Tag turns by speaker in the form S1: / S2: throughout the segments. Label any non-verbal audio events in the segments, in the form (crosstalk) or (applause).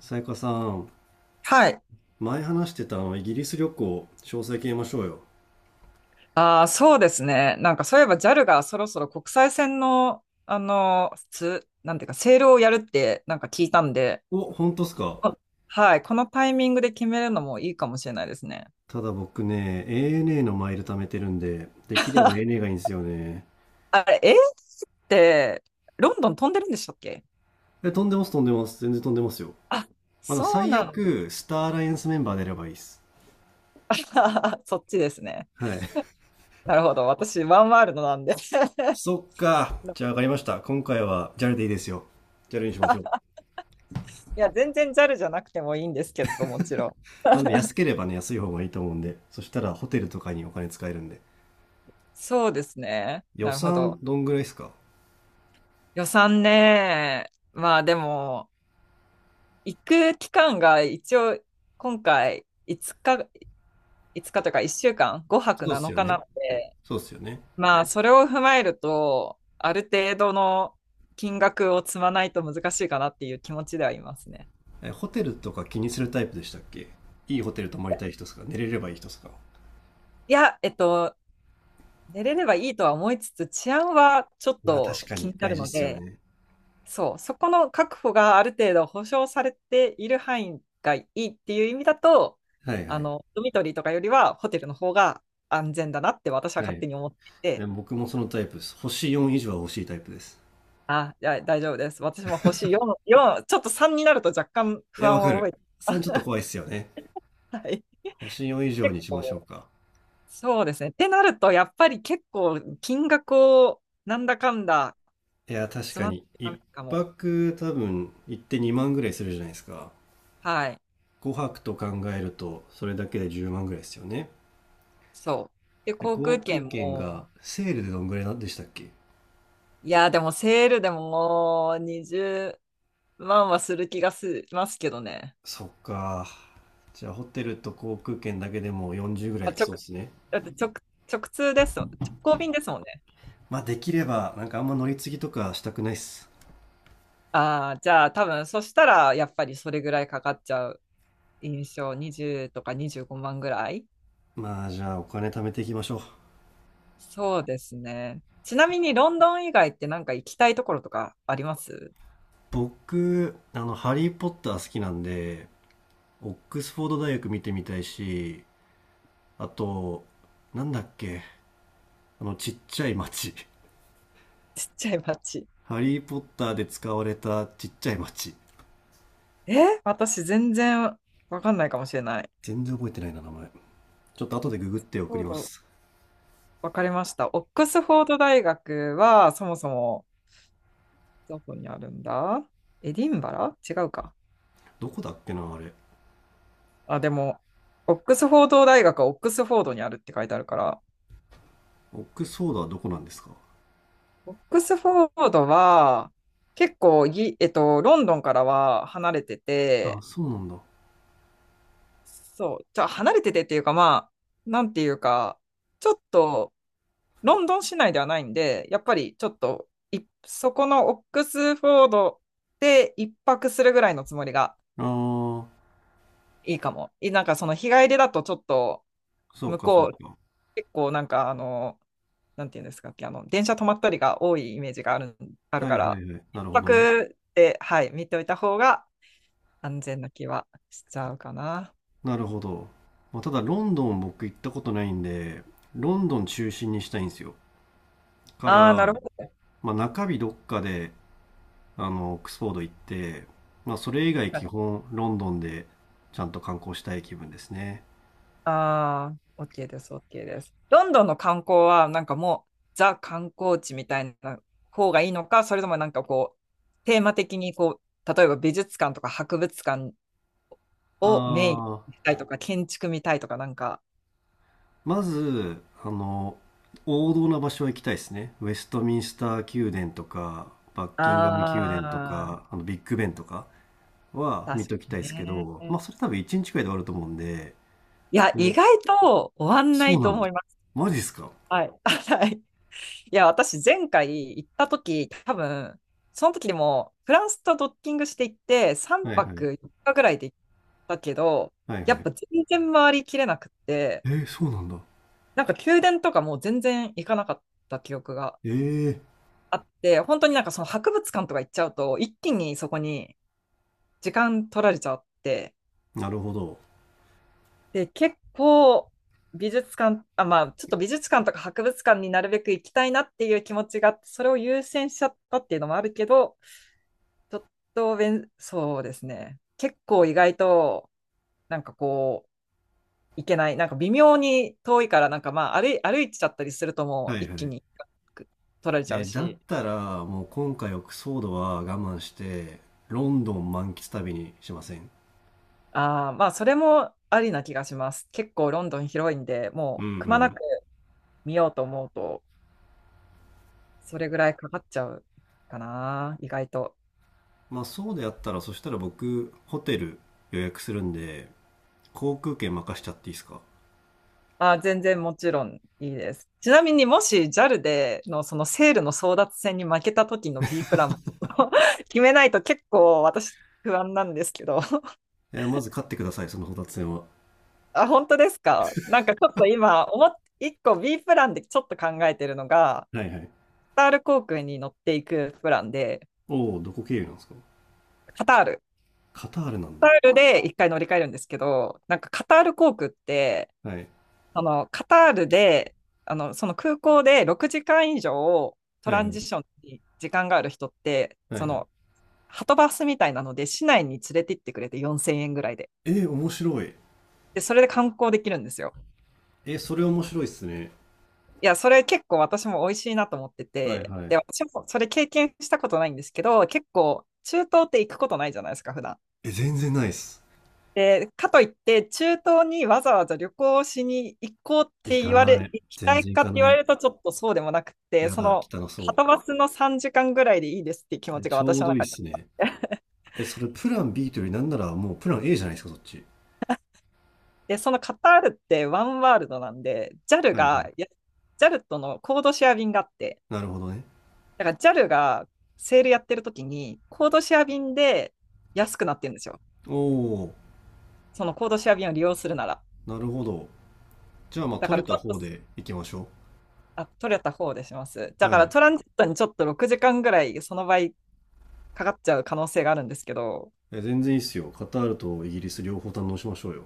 S1: さやかさん、
S2: はい。
S1: 前話してたイギリス旅行、詳細決めましょうよ。
S2: ああ、そうですね。なんかそういえば JAL がそろそろ国際線の、なんていうか、セールをやるってなんか聞いたんで、
S1: お、本当っすか？
S2: あ、はい。このタイミングで決めるのもいいかもしれないですね。
S1: ただ僕ね、ANA のマイル貯めてるんで、できれば ANA がいいんですよね。
S2: あれ、イーって、ロンドン飛んでるんでしたっけ。
S1: え、飛んでます、飛んでます。全然飛んでますよ。
S2: あ、そう
S1: 最
S2: なんだ。
S1: 悪、スターアライアンスメンバー出ればいいっす。
S2: (laughs) そっちですね。
S1: はい。(laughs)
S2: なるほど。私、ワンワールドなんで。(laughs)
S1: そっか。じゃあ分かりました。今回は JAL でいいですよ。JAL にしましょう。
S2: いや、全然 JAL じゃなくてもいいんですけど、もちろん。
S1: まあ、でも安ければね、安い方がいいと思うんで。そしたらホテルとかにお金使えるんで。
S2: そうですね。
S1: 予
S2: なるほ
S1: 算
S2: ど。
S1: どんぐらいっすか？
S2: 予算ね。まあでも、行く期間が一応今回5日、5日というか1週間、5泊
S1: そうっす
S2: 7
S1: よ
S2: 日な
S1: ね。
S2: ので、
S1: そうっすよね。
S2: まあそれを踏まえると、ある程度の金額を積まないと難しいかなっていう気持ちではいますね。
S1: えホテルとか気にするタイプでしたっけ？いいホテル泊まりたい人ですか、寝れればいい人ですか？
S2: いや、寝れればいいとは思いつつ、治安はちょっ
S1: まあ確
S2: と
S1: か
S2: 気
S1: に
S2: にな
S1: 大
S2: る
S1: 事っ
S2: の
S1: すよ
S2: で、
S1: ね。
S2: そう、そこの確保がある程度保障されている範囲がいいっていう意味だと、
S1: はいはい。
S2: ドミトリーとかよりはホテルの方が安全だなって私は
S1: は
S2: 勝
S1: い。
S2: 手に思ってい
S1: え
S2: て、
S1: 僕もそのタイプです。星4以上は欲しいタイプです。
S2: あ、いや大丈夫です。私も星4、4、ちょっと3になると若干
S1: い
S2: 不
S1: や、わ
S2: 安
S1: か
S2: を覚
S1: る。
S2: えて、
S1: 3ちょっと怖いっすよね。
S2: はい。
S1: 星4以上
S2: 結
S1: にしましょう
S2: 構、
S1: か。
S2: そうですね。ってなると、やっぱり結構金額をなんだかんだ
S1: いや、確
S2: 詰
S1: か
S2: まって
S1: に。1
S2: たかも。
S1: 泊多分行って2万ぐらいするじゃないですか。
S2: はい。
S1: 5泊と考えると、それだけで10万ぐらいですよね。
S2: そう。で、
S1: で
S2: 航
S1: 航
S2: 空
S1: 空
S2: 券
S1: 券が
S2: も、
S1: セールでどんぐらいなんでしたっけ？
S2: いや、でもセールでももうまあまあする気がしますけどね。
S1: そっか。じゃあホテルと航空券だけでも40ぐら
S2: あ、
S1: いいきそうですね。
S2: だって直通ですもん。直行便ですもんね。
S1: まあできれば、あんま乗り継ぎとかしたくないっす。
S2: ああ、じゃあ多分そしたらやっぱりそれぐらいかかっちゃう印象。20とか25万ぐらい。
S1: まあじゃあお金貯めていきましょう。
S2: そうですね。ちなみにロンドン以外ってなんか行きたいところとかあります？
S1: 僕、ハリー・ポッター好きなんで、オックスフォード大学見てみたいし、あと、なんだっけ、あのちっちゃい町。
S2: (laughs) ちっちゃい街。
S1: ハリー・ポッターで使われたちっちゃい町。
S2: え、私全然わかんないかもしれない。
S1: 全然覚えてないな、名前。ちょっと
S2: オ
S1: 後
S2: ッ
S1: で
S2: ク
S1: ググって
S2: ス
S1: 送
S2: フォ
S1: り
S2: ー
S1: ま
S2: ド、
S1: す。
S2: わかりました。オックスフォード大学はそもそもどこにあるんだ。エディンバラ違うか。
S1: どこだっけな、あれ。
S2: あ、でも、オックスフォード大学はオックスフォードにあるって書いてあるから、
S1: オックスフォードはどこなんですか？
S2: オックスフォードは結構ぎ、えっと、ロンドンからは離れて
S1: あ、
S2: て、
S1: そうなんだ。
S2: そう、じゃあ離れててっていうか、まあ、なんていうか、ちょっとロンドン市内ではないんで、やっぱりちょっとそこのオックスフォードで一泊するぐらいのつもりが
S1: ああ、
S2: いいかも。なんかその日帰りだとちょっと、
S1: そう
S2: 向
S1: かそう
S2: こう、
S1: か。
S2: 結構なんか、なんていうんですかっけ、電車止まったりが多いイメージがある、ある
S1: は
S2: か
S1: いは
S2: ら、
S1: いはい。
S2: 一
S1: なるほどね。
S2: 泊で、はい、見ておいた方が安全な気はしちゃうかな。
S1: なるほど。まあ、ただロンドン僕行ったことないんで、ロンドン中心にしたいんですよ。か
S2: ああ、な
S1: ら、
S2: るほど。
S1: まあ、中日どっかで、オックスフォード行って、まあ、それ以外基本ロンドンでちゃんと観光したい気分ですね。
S2: ああ、OK です、OK です。ロンドンの観光は、なんかもう、ザ観光地みたいな方がいいのか、それともなんかこう、テーマ的にこう、例えば美術館とか博物館
S1: あ
S2: をメイン
S1: あ、
S2: にしたいとか、建築見たいとか、なんか、
S1: まず、王道な場所は行きたいですね。ウェストミンスター宮殿とか、バッキンガム宮殿と
S2: ああ、
S1: か、ビッグベンとか。は
S2: 確
S1: 見
S2: か
S1: ときたいで
S2: に
S1: すけ
S2: ね。
S1: ど、まあそれ多分1日くらいで終わると思うんで、
S2: いや、
S1: そ
S2: 意
S1: の
S2: 外と終わんな
S1: そう
S2: い
S1: な
S2: と思
S1: の？
S2: います。
S1: マジっすか？
S2: はい。(laughs) はい。いや、私、前回行った時、多分、その時でも、フランスとドッキングして行って、3
S1: はいは
S2: 泊
S1: い。
S2: 4日ぐらいで行ったけど、
S1: はい
S2: や
S1: は
S2: っ
S1: い。
S2: ぱ全然回りきれなくって、
S1: えー、そうなんだ。
S2: なんか宮殿とかもう全然行かなかった記憶が
S1: えー、
S2: あって、本当になんかその博物館とか行っちゃうと、一気にそこに時間取られちゃって、
S1: なるほど。
S2: で、結構美術館、あ、まあ、ちょっと美術館とか博物館になるべく行きたいなっていう気持ちがあって、それを優先しちゃったっていうのもあるけど、ちょっとそうですね。結構意外と、なんかこう、行けない。なんか微妙に遠いから、なんかまあ歩いちゃったりするともう
S1: はい
S2: 一
S1: は
S2: 気
S1: い。
S2: に取られちゃ
S1: え
S2: う
S1: ーだっ
S2: し、
S1: たら、もう今回はクソードは我慢して、ロンドン満喫旅にしません？
S2: あーまあ、それもありな気がします。結構ロンドン広いんで、
S1: うん
S2: も
S1: う
S2: うくまな
S1: ん。
S2: く見ようと思うと、それぐらいかかっちゃうかな、意外と。
S1: まあそうであったら、そしたら僕、ホテル予約するんで、航空券任しちゃっていいですか？
S2: あ、全然もちろんいいです。ちなみにもし JAL でのそのセールの争奪戦に負けた時の B プランも (laughs) 決めないと結構私不安なんですけど。(laughs)
S1: えーまず買ってください、そのホタテ船は。
S2: あ、本当ですか。なんかちょっと今思っ、一個 B プランでちょっと考えてるのが、
S1: はいはい。
S2: カタール航空に乗っていくプランで、
S1: おお、どこ経由なんですか？
S2: カタール。
S1: カタールなん
S2: カ
S1: だ。
S2: タールで一回乗り換えるんですけど、なんかカタール航空って
S1: はい。
S2: そのカタールで、その空港で6時間以上ト
S1: はい
S2: ラ
S1: は
S2: ンジ
S1: い。
S2: ションに時間がある人って、
S1: は
S2: そ
S1: いはい。
S2: のハトバスみたいなので市内に連れて行ってくれて4000円ぐらいで。
S1: えー、面白い。
S2: で、それで観光できるんですよ。
S1: えー、それ面白いっすね。
S2: いや、それ結構私も美味しいなと思って
S1: はい
S2: て、
S1: は
S2: で、
S1: い。
S2: 私もそれ経験したことないんですけど、結構中東って行くことないじゃないですか、普段。
S1: え、全然ないっす。
S2: で、かといって、中東にわざわざ旅行しに行こうっ
S1: 行
S2: て
S1: か
S2: 言わ
S1: な
S2: れ、
S1: い。
S2: 行き
S1: 全
S2: たい
S1: 然行
S2: かっ
S1: か
S2: て言わ
S1: な
S2: れ
S1: い。
S2: ると、ちょっとそうでもなくて、
S1: や
S2: そ
S1: だ、
S2: の、
S1: 汚
S2: は
S1: そ
S2: とバスの3時間ぐらいでいいですっていう気
S1: う。
S2: 持
S1: え
S2: ちが
S1: ちょ
S2: 私
S1: う
S2: の
S1: どいいっ
S2: 中で
S1: す
S2: あ
S1: ね。
S2: って。
S1: え、それプラン B というよりなんならもうプラン A じゃないですか、そっち。
S2: で、そのカタールってワンワールドなんで、JAL
S1: はいは
S2: が、
S1: い。
S2: JA とのコードシェア便があって、
S1: なるほどね。
S2: だから JAL がセールやってる時に、コードシェア便で安くなってるんですよ。
S1: おー、
S2: そのコードシェア便を利用するなら。
S1: なるほど。じゃあまあ
S2: だか
S1: 取
S2: ら
S1: れ
S2: ち
S1: た
S2: ょっと
S1: 方で行きましょ
S2: 取れた方でします。
S1: う。
S2: だ
S1: は
S2: から
S1: い。
S2: トランジットにちょっと6時間ぐらいその場合かかっちゃう可能性があるんですけど、
S1: え、全然いいっすよ。カタールとイギリス両方堪能しましょうよ。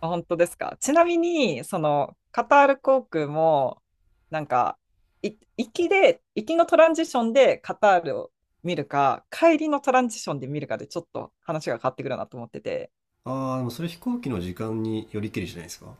S2: あ、本当ですか。ちなみに、そのカタール航空も、なんか、行きで、行きのトランジションでカタールを見るか、帰りのトランジションで見るかでちょっと話が変わってくるなと思ってて、
S1: あー、でもそれ飛行機の時間によりけりじゃないですか。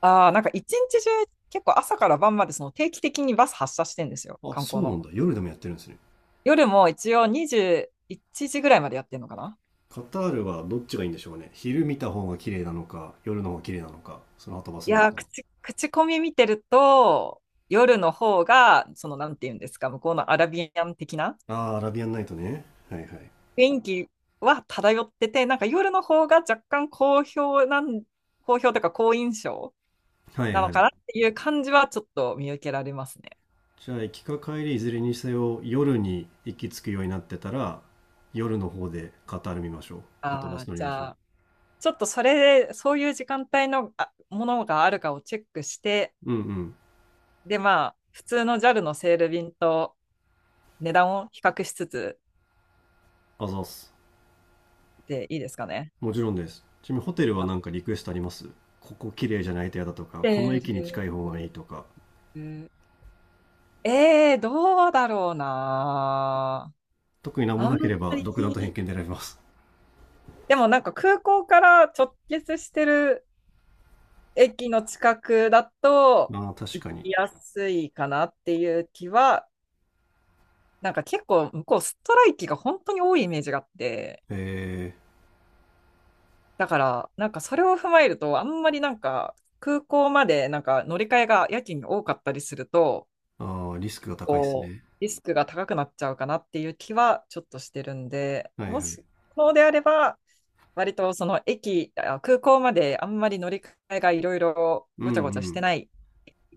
S2: ああ、なんか一日中結構朝から晩までその定期的にバス発車してんですよ、
S1: あ、
S2: 観光
S1: そうなん
S2: の。
S1: だ。夜でもやってるんですね。
S2: 夜も一応21時ぐらいまでやってんのかな。
S1: カタールはどっちがいいんでしょうね。昼見た方が綺麗なのか、夜の方が綺麗なのか、その後バス
S2: い
S1: 乗っ
S2: やー、
S1: たら。
S2: 口コミ見てると、夜の方が、その、なんていうんですか、向こうのアラビアン的な
S1: ああ、アラビアンナイトね。はいはい。
S2: 雰囲気は漂ってて、なんか夜の方が若干好評というか好印象
S1: はい
S2: なの
S1: は
S2: か
S1: い。
S2: なっていう感じはちょっと見受けられますね。
S1: じゃあ、行きか帰りいずれにせよ、夜に行き着くようになってたら、夜の方でカタール見ましょう。はとバ
S2: あ
S1: ス
S2: あ、
S1: 乗り
S2: じ
S1: ましょ
S2: ゃ
S1: う。
S2: あ、ちょっとそれで、そういう時間帯のものがあるかをチェックして、
S1: うんうん。
S2: で、まあ、普通のジャルのセール便と値段を比較しつつ
S1: あざっす。
S2: でいいですかね。
S1: もちろんです。ちなみにホテルは
S2: あ
S1: なんかリクエストあります？ここ綺麗じゃないと嫌だとか、
S2: セ
S1: この駅に
S2: ー
S1: 近い方がいい
S2: ル。
S1: とか、
S2: どうだろうな。
S1: 特になんも
S2: あんま
S1: なければ独断と偏
S2: り、
S1: 見で選びます。
S2: でもなんか空港から直結してる駅の近くだと
S1: ああ、確
S2: 行
S1: かに。
S2: きやすいかなっていう気は、なんか結構向こうストライキが本当に多いイメージがあって、
S1: え
S2: だからなんかそれを踏まえると、あんまりなんか空港までなんか乗り換えがやけに多かったりすると、
S1: ー、ああ、リスクが高いです
S2: こう、
S1: ね。
S2: リスクが高くなっちゃうかなっていう気はちょっとしてるんで、
S1: はい
S2: も
S1: はい。
S2: し、そうであれば、割とその駅、空港まであんまり乗り換えがいろいろ
S1: う
S2: ごちゃ
S1: ん
S2: ごちゃし
S1: う
S2: て
S1: ん。
S2: ない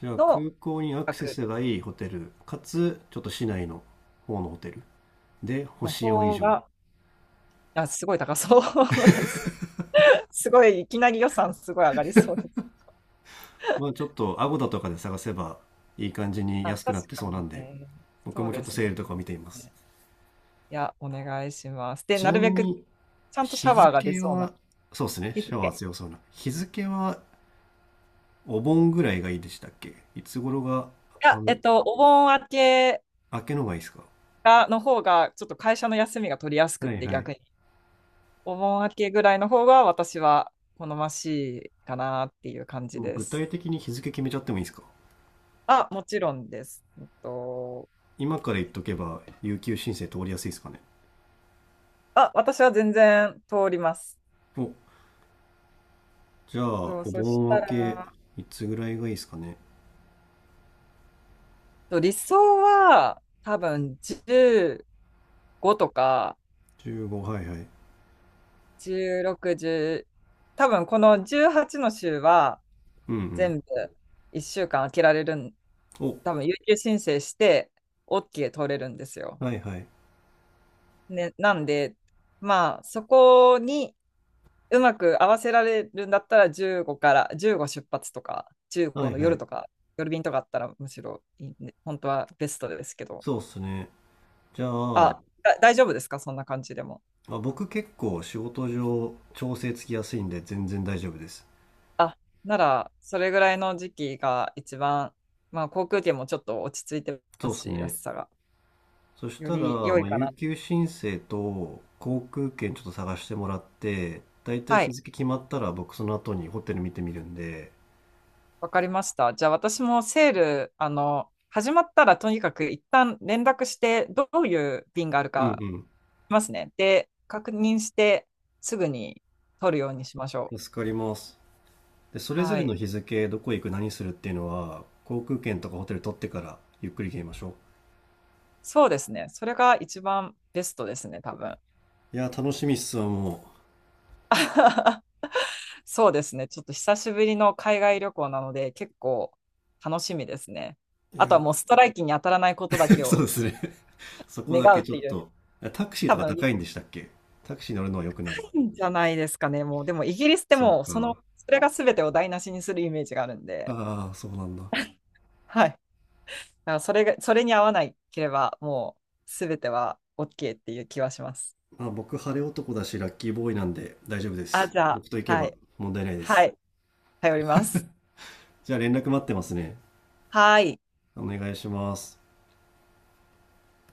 S1: じゃあ
S2: の
S1: 空港にアクセ
S2: 額
S1: スがいいホテル、かつちょっと市内の方のホテルで
S2: の
S1: 星4以
S2: 方
S1: 上。
S2: が、あ、すごい高そうです。(laughs) すごい、いきなり予算すごい上がりそうです。
S1: まあちょっとアゴダとかで探せばいい感じに
S2: あ、
S1: 安くな
S2: 確
S1: って
S2: か
S1: そうな
S2: に
S1: んで、
S2: ね。
S1: 僕
S2: そう
S1: もちょ
S2: で
S1: っと
S2: す
S1: セー
S2: ね。
S1: ルとかを見ています。
S2: いや、お願いします。で、
S1: ち
S2: な
S1: な
S2: る
S1: み
S2: べく
S1: に
S2: ちゃんとシ
S1: 日
S2: ャワーが出
S1: 付
S2: そう
S1: は、
S2: な
S1: そうですね、
S2: 日
S1: シャ
S2: 付。
S1: ワー
S2: い
S1: 強そうな。日付はお盆ぐらいがいいでしたっけ？いつ頃が、あ
S2: や、
S1: の、
S2: お盆明け
S1: 明けのがいいですか？
S2: の方が、ちょっと会社の休みが取りやすくっ
S1: はい
S2: て
S1: はい。
S2: 逆に。お盆明けぐらいの方が私は好ましいかなっていう感
S1: で
S2: じ
S1: も
S2: で
S1: 具
S2: す。
S1: 体的に日付決めちゃってもいいですか？
S2: あ、もちろんです。
S1: 今から言っとけば有給申請通りやすいですかね？
S2: あ、私は全然通ります。
S1: お、じゃあ、
S2: そう、
S1: お
S2: そし
S1: 盆明
S2: たら、
S1: け、いつぐらいがいいですかね。
S2: 理想は多分15とか
S1: 15、はいはい。
S2: 16、1多分この18の週は
S1: うんうん。
S2: 全部1週間空けられるん、
S1: お、
S2: 多分有給申請して OK 取れるんですよ。
S1: はいはい。
S2: ね、なんで、まあそこに、うまく合わせられるんだったら15から15出発とか
S1: は
S2: 15
S1: い
S2: の
S1: は
S2: 夜
S1: い。
S2: とか夜便とかあったらむしろいいんで本当はベストですけど。
S1: そうっすね。じゃあ、
S2: だ、大丈夫ですかそんな感じでも。
S1: あ、僕結構仕事上調整つきやすいんで全然大丈夫です。
S2: あならそれぐらいの時期が一番まあ航空券もちょっと落ち着いて
S1: そ
S2: ま
S1: うっ
S2: す
S1: す
S2: し安
S1: ね。
S2: さが
S1: そし
S2: よ
S1: た
S2: り
S1: ら、
S2: 良い
S1: まあ、
S2: か
S1: 有
S2: な。
S1: 給申請と航空券ちょっと探してもらって、だいたい
S2: は
S1: 日
S2: い。
S1: 付決まったら僕その後にホテル見てみるんで、
S2: わかりました。じゃあ私もセール始まったらとにかく一旦連絡してどういう便がある
S1: う
S2: か
S1: ん
S2: ますね。で、確認してすぐに取るようにしましょ
S1: うん。
S2: う。
S1: 助かります。で、それぞ
S2: は
S1: れ
S2: い。
S1: の日付、どこ行く、何するっていうのは、航空券とかホテル取ってからゆっくり決めましょう。
S2: そうですね。それが一番ベストですね、多分。
S1: いや、楽しみっすわ、も
S2: (laughs) そうですね。ちょっと久しぶりの海外旅行なので、結構楽しみですね。
S1: う。い
S2: あと
S1: や、
S2: はもうストライキに当たらないことだけ
S1: (laughs) そう
S2: を
S1: ですね。(laughs) そこだ
S2: 願
S1: け
S2: うっ
S1: ちょ
S2: て
S1: っ
S2: いう、
S1: と。タクシー
S2: 多
S1: とか
S2: 分
S1: 高
S2: い
S1: いんでしたっけ？タクシー乗るのは良くない。
S2: いんじゃないですかね。もう、でもイギリスって
S1: そう
S2: もう、その、
S1: か。
S2: それが全てを台無しにするイメージがあるんで、
S1: ああ、そうなんだ。
S2: はい。だからそれが、それに合わないければ、もう全ては OK っていう気はします。
S1: まあ、僕、晴れ男だし、ラッキーボーイなんで大丈夫で
S2: あ、
S1: す。
S2: じゃあ、
S1: 僕と行け
S2: は
S1: ば
S2: い。
S1: 問題ないで
S2: は
S1: す。
S2: い。頼ります。
S1: じゃあ連絡待ってますね。
S2: はい。
S1: お願いします。